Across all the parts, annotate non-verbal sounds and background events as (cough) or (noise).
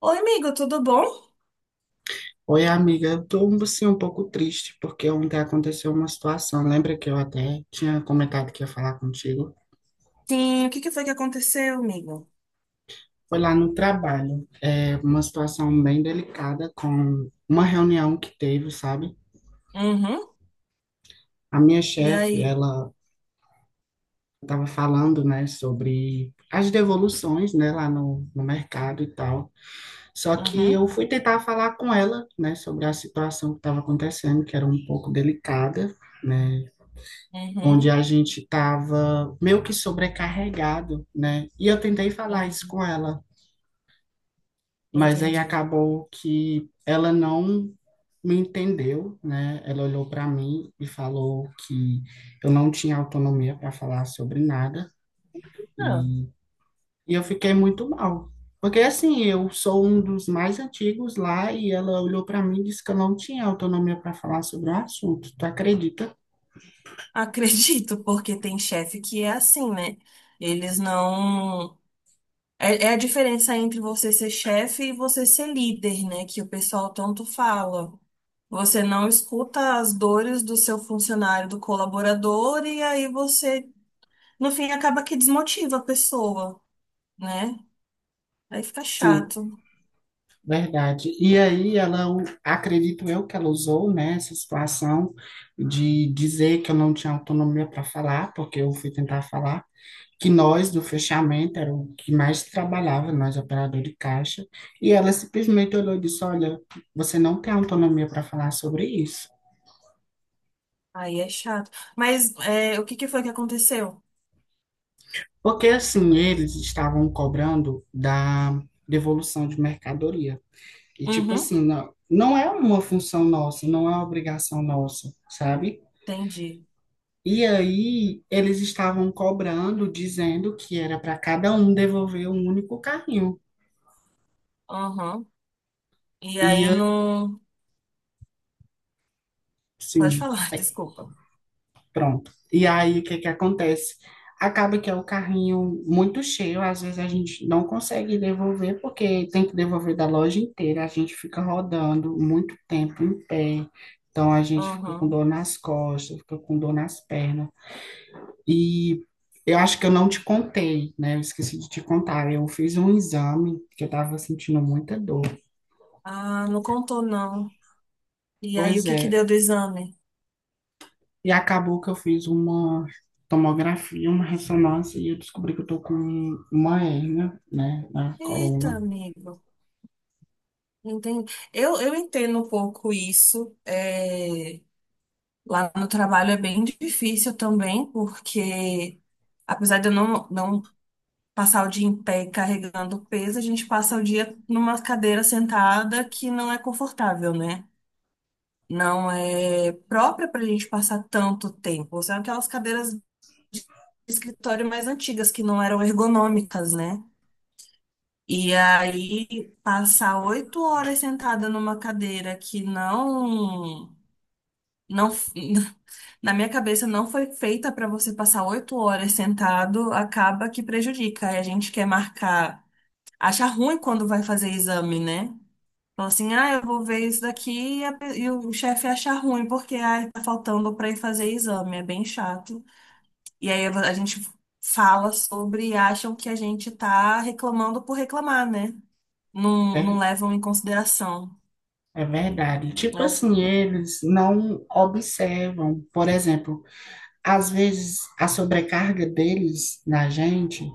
Oi, amigo, tudo bom? Oi, amiga, eu tô assim um pouco triste porque ontem aconteceu uma situação. Lembra que eu até tinha comentado que ia falar contigo? Sim, o que que foi que aconteceu, amigo? Foi lá no trabalho. É uma situação bem delicada com uma reunião que teve, sabe? Uhum. A minha E chefe, aí? ela estava falando, né, sobre as devoluções, né, lá no mercado e tal. Só que Uhum, eu fui tentar falar com ela, né, sobre a situação que estava acontecendo, que era um pouco delicada, né? Onde uhum, a gente estava meio que sobrecarregado, né? E eu tentei falar isso uhum. com ela, mas aí Entendi. acabou que ela não me entendeu, né? Ela olhou para mim e falou que eu não tinha autonomia para falar sobre nada Não, e, e eu fiquei muito mal. Porque assim, eu sou um dos mais antigos lá e ela olhou para mim e disse que eu não tinha autonomia para falar sobre o assunto. Tu acredita? acredito, porque tem chefe que é assim, né? Eles não. É, é a diferença entre você ser chefe e você ser líder, né? Que o pessoal tanto fala. Você não escuta as dores do seu funcionário, do colaborador, e aí você, no fim, acaba que desmotiva a pessoa, né? Aí fica Sim. chato. Verdade. E aí ela, acredito eu que ela usou, né, essa situação de dizer que eu não tinha autonomia para falar, porque eu fui tentar falar, que nós do fechamento era o que mais trabalhava, nós operador de caixa, e ela simplesmente olhou e disse, olha, você não tem autonomia para falar sobre isso. Aí é chato. Mas é, o que que foi que aconteceu? Porque assim, eles estavam cobrando da devolução de mercadoria. E tipo Uhum. assim, não, não é uma função nossa, não é uma obrigação nossa, sabe? Entendi. E aí eles estavam cobrando, dizendo que era para cada um devolver um único carrinho. Uhum. E aí E não. Pode assim, falar, (laughs) é, desculpa. pronto. E aí o que que acontece? Acaba que é o carrinho muito cheio, às vezes a gente não consegue devolver porque tem que devolver da loja inteira, a gente fica rodando muito tempo em pé. Então a gente fica com Uhum. dor nas costas, fica com dor nas pernas. E eu acho que eu não te contei, né? Eu esqueci de te contar. Eu fiz um exame que eu estava sentindo muita dor. Ah, não contou, não. E aí o Pois que que deu é. do exame? E acabou que eu fiz uma tomografia, uma ressonância e eu descobri que eu tô com uma hérnia, né, na Eita, coluna. amigo. Entendi. Eu entendo um pouco isso. É, lá no trabalho é bem difícil também, porque apesar de eu não passar o dia em pé carregando peso, a gente passa o dia numa cadeira sentada que não é confortável, né? Não é própria para a gente passar tanto tempo. São aquelas cadeiras de escritório mais antigas que não eram ergonômicas, né? E aí passar 8 horas sentada numa cadeira que não (laughs) na minha cabeça não foi feita para você passar 8 horas sentado, acaba que prejudica. Aí a gente quer marcar, acha ruim quando vai fazer exame, né? Falam assim, ah, eu vou ver isso daqui e o chefe acha ruim, porque ah, tá faltando pra ir fazer exame, é bem chato. E aí a gente fala sobre e acham que a gente tá reclamando por reclamar, né? Não, não É, levam em consideração. é verdade. Tipo Eu, assim, eles não observam, por exemplo, às vezes a sobrecarga deles na gente.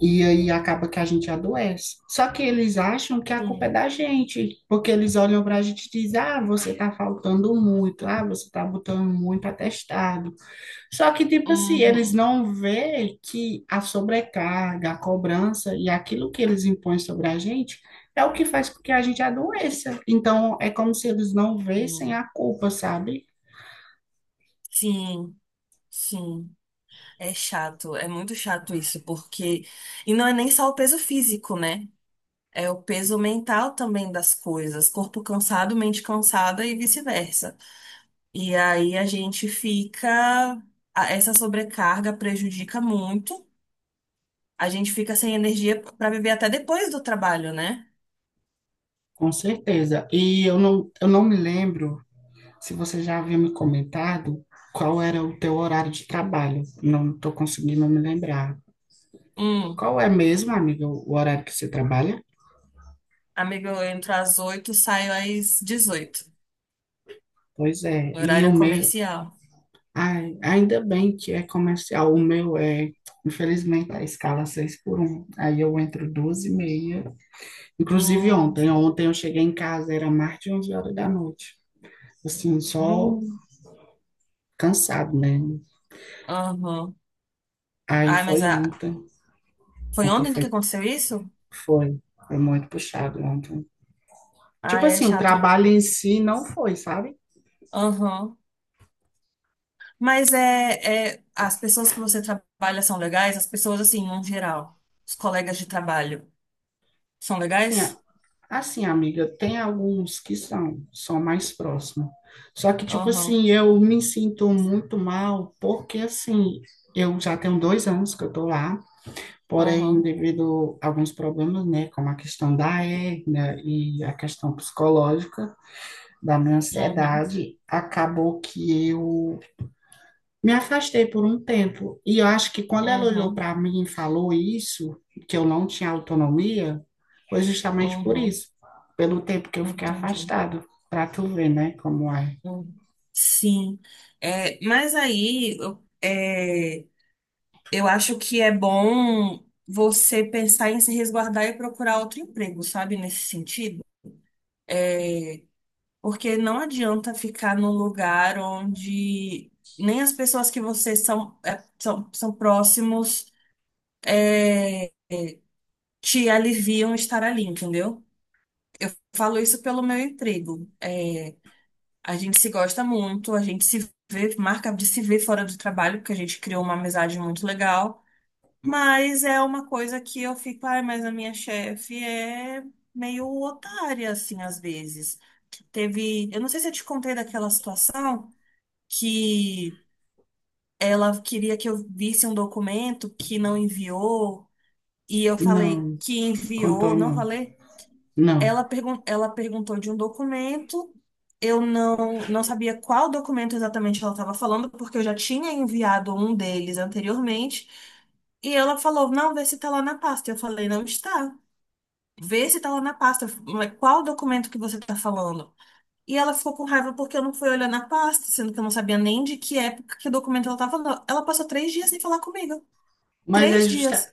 E aí acaba que a gente adoece. Só que eles acham que a culpa é hum, da gente, porque eles olham para a gente e dizem: ah, você está faltando muito, ah, você está botando muito atestado. Só que, tipo assim, eles uhum, não vê que a sobrecarga, a cobrança e aquilo que eles impõem sobre a gente é o que faz com que a gente adoeça. Então, é como se eles não vissem hum. a culpa, sabe? Sim, sim. É chato, é muito chato isso, porque. E não é nem só o peso físico, né? É o peso mental também das coisas. Corpo cansado, mente cansada e vice-versa. E aí a gente fica. Essa sobrecarga prejudica muito. A gente fica sem energia para viver até depois do trabalho, né? Com certeza. E eu não me lembro se você já havia me comentado qual era o teu horário de trabalho, não estou conseguindo me lembrar. Hum, Qual é mesmo, amiga, o horário que você trabalha? amigo, eu entro às 8, saio às 18, Pois é, no e o horário meu, comercial. ai, ainda bem que é comercial, o meu é, infelizmente, a escala 6x1. Aí eu entro 2h30, inclusive Hum, ontem, ontem eu cheguei em casa, era mais de 11 horas da noite, assim, só hum, cansado, né? aham. Aí Ai, mas foi a... ontem, foi ontem ontem que aconteceu isso? foi, foi muito puxado ontem. Tipo Ai, é assim, o chato. trabalho em si não foi, sabe? Aham. Mas é, é. As pessoas que você trabalha são legais? As pessoas, assim, no geral. Os colegas de trabalho são Assim, legais? assim, amiga, tem alguns que são mais próximos. Só que, tipo Aham. assim, eu me sinto muito mal, porque assim, eu já tenho 2 anos que eu tô lá, porém, Uhum, devido a alguns problemas, né, como a questão da hérnia e a questão psicológica da minha uhum, ansiedade, acabou que eu me afastei por um tempo. E eu acho que quando ela olhou uhum, para mim e falou isso, que eu não tinha autonomia, foi justamente por uhum, isso, pelo tempo que eu fiquei entendi. afastado, para tu ver, né, como é. Uhum. Sim, é, mas aí é, eu acho que é bom você pensar em se resguardar e procurar outro emprego, sabe, nesse sentido? É, porque não adianta ficar num lugar onde nem as pessoas que você são, é, são próximos é, te aliviam estar ali, entendeu? Falo isso pelo meu emprego. É, a gente se gosta muito, a gente se vê, marca de se ver fora do trabalho, porque a gente criou uma amizade muito legal. Mas é uma coisa que eu fico, ai, mas a minha chefe é meio otária, assim, às vezes. Teve, eu não sei se eu te contei daquela situação que ela queria que eu visse um documento que não enviou, e eu falei Não, que contou enviou, não não. falei? Não. Ela, pergun ela perguntou de um documento. Eu não sabia qual documento exatamente ela estava falando, porque eu já tinha enviado um deles anteriormente. E ela falou: não, vê se está lá na pasta. Eu falei: não está. Vê se está lá na pasta. Mas qual documento que você está falando? E ela ficou com raiva porque eu não fui olhar na pasta, sendo que eu não sabia nem de que época que documento ela estava falando. Ela passou 3 dias sem falar comigo. Mas é Três justa, dias.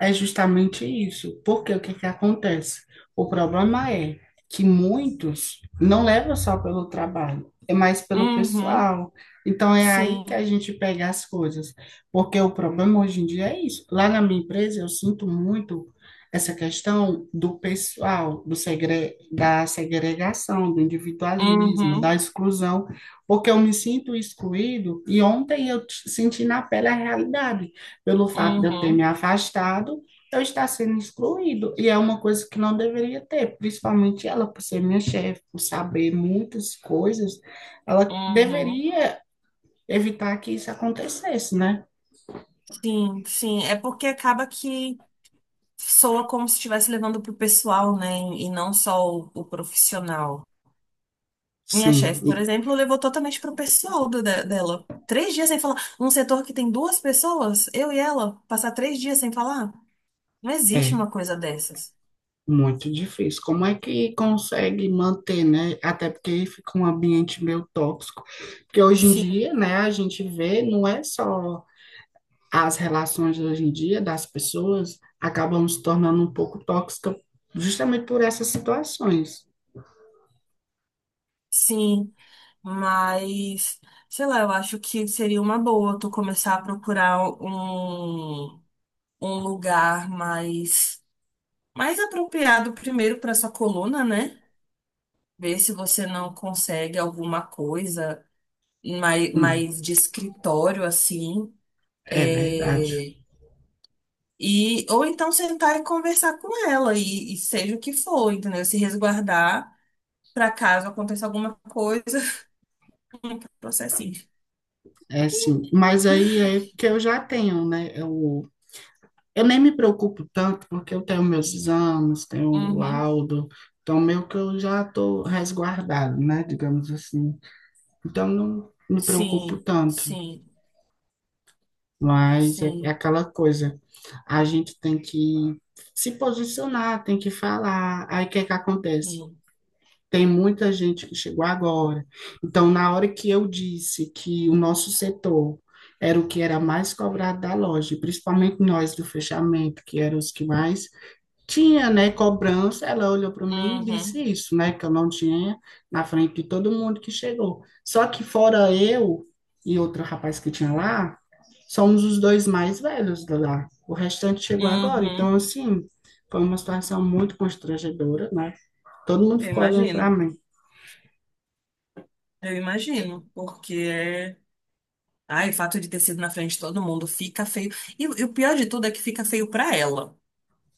é justamente isso. Porque o que que acontece? O problema é que muitos não levam só pelo trabalho, é mais pelo Uhum. pessoal. Então é aí que Sim. a gente pega as coisas. Porque o problema hoje em dia é isso. Lá na minha empresa eu sinto muito essa questão do pessoal, da segregação, do individualismo, da Uhum. exclusão, porque eu me sinto excluído e ontem eu senti na pele a realidade pelo fato de eu ter me Uhum. afastado, eu estar sendo excluído. E é uma coisa que não deveria ter, principalmente ela, por ser minha chefe, por saber muitas coisas, ela Uhum. deveria evitar que isso acontecesse, né? Sim, sim. É porque acaba que soa como se estivesse levando pro pessoal, né? E não só o profissional. Minha Sim, chefe, por exemplo, levou totalmente pro pessoal dela. Três dias sem falar. Um setor que tem duas pessoas, eu e ela, passar 3 dias sem falar? Não existe é uma coisa dessas. muito difícil. Como é que consegue manter, né? Até porque fica um ambiente meio tóxico. Porque hoje em Sim, dia, né, a gente vê, não é só as relações hoje em dia das pessoas acabam se tornando um pouco tóxicas justamente por essas situações. sim. Mas, sei lá, eu acho que seria uma boa tu começar a procurar um lugar mais apropriado primeiro para sua coluna, né? Ver se você não consegue alguma coisa mais, Hum, mais de escritório, assim. é verdade. É, e, ou então sentar e conversar com ela, e seja o que for, entendeu? Se resguardar para caso aconteça alguma coisa, (laughs) processinho. É sim. Mas aí é que eu já tenho, né? Eu nem me preocupo tanto, porque eu tenho meus exames, tenho o Uhum. laudo, então meio que eu já estou resguardado, né? Digamos assim. Então não me preocupo Sim, tanto. sim, Mas é sim. aquela coisa, a gente tem que se posicionar, tem que falar. Aí o que é que acontece? Sim. Tem muita gente que chegou agora. Então, na hora que eu disse que o nosso setor era o que era mais cobrado da loja, principalmente nós do fechamento, que eram os que mais tinha, né, cobrança, ela olhou para mim e Uhum. disse isso, né, que eu não tinha, na frente de todo mundo que chegou. Só que fora eu e outro rapaz que tinha lá, somos os dois mais velhos de lá. O restante chegou agora, então Uhum. assim, foi uma situação muito constrangedora, né? Todo mundo Eu ficou olhando para imagino. mim. Eu imagino, porque é. Ai, o fato de ter sido na frente de todo mundo fica feio. E o pior de tudo é que fica feio pra ela.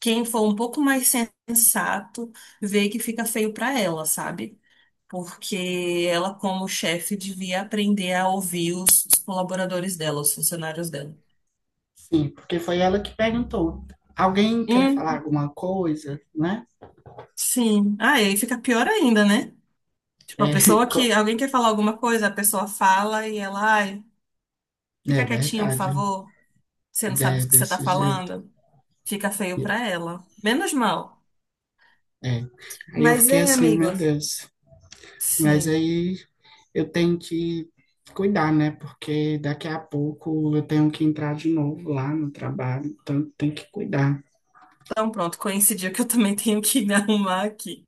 Quem for um pouco mais sensato vê que fica feio para ela, sabe? Porque ela, como chefe, devia aprender a ouvir os colaboradores dela, os funcionários dela. Sim, porque foi ela que perguntou. Alguém quer falar Hum, alguma coisa, né? sim. Ah, e aí fica pior ainda, né? É, Tipo, a (laughs) pessoa co- que. Alguém quer falar alguma coisa, a pessoa fala e ela, ai, é fica quietinho, por verdade, favor. Você não sabe é o que você tá desse jeito. falando. Fica feio pra ela. Menos mal. É. Aí eu Mas, fiquei hein, assim, meu amigos? Deus. Mas Sim. aí eu tenho que cuidar, né? Porque daqui a pouco eu tenho que entrar de novo lá no trabalho, então tem que cuidar. Então, pronto, coincidiu que eu também tenho que me (laughs) arrumar aqui.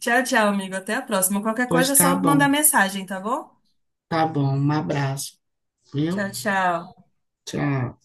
Tchau, tchau, amigo. Até a próxima. Qualquer Pois coisa é tá só bom, mandar mensagem, tá bom? tá bom. Um abraço, viu? Tchau, tchau. Tchau.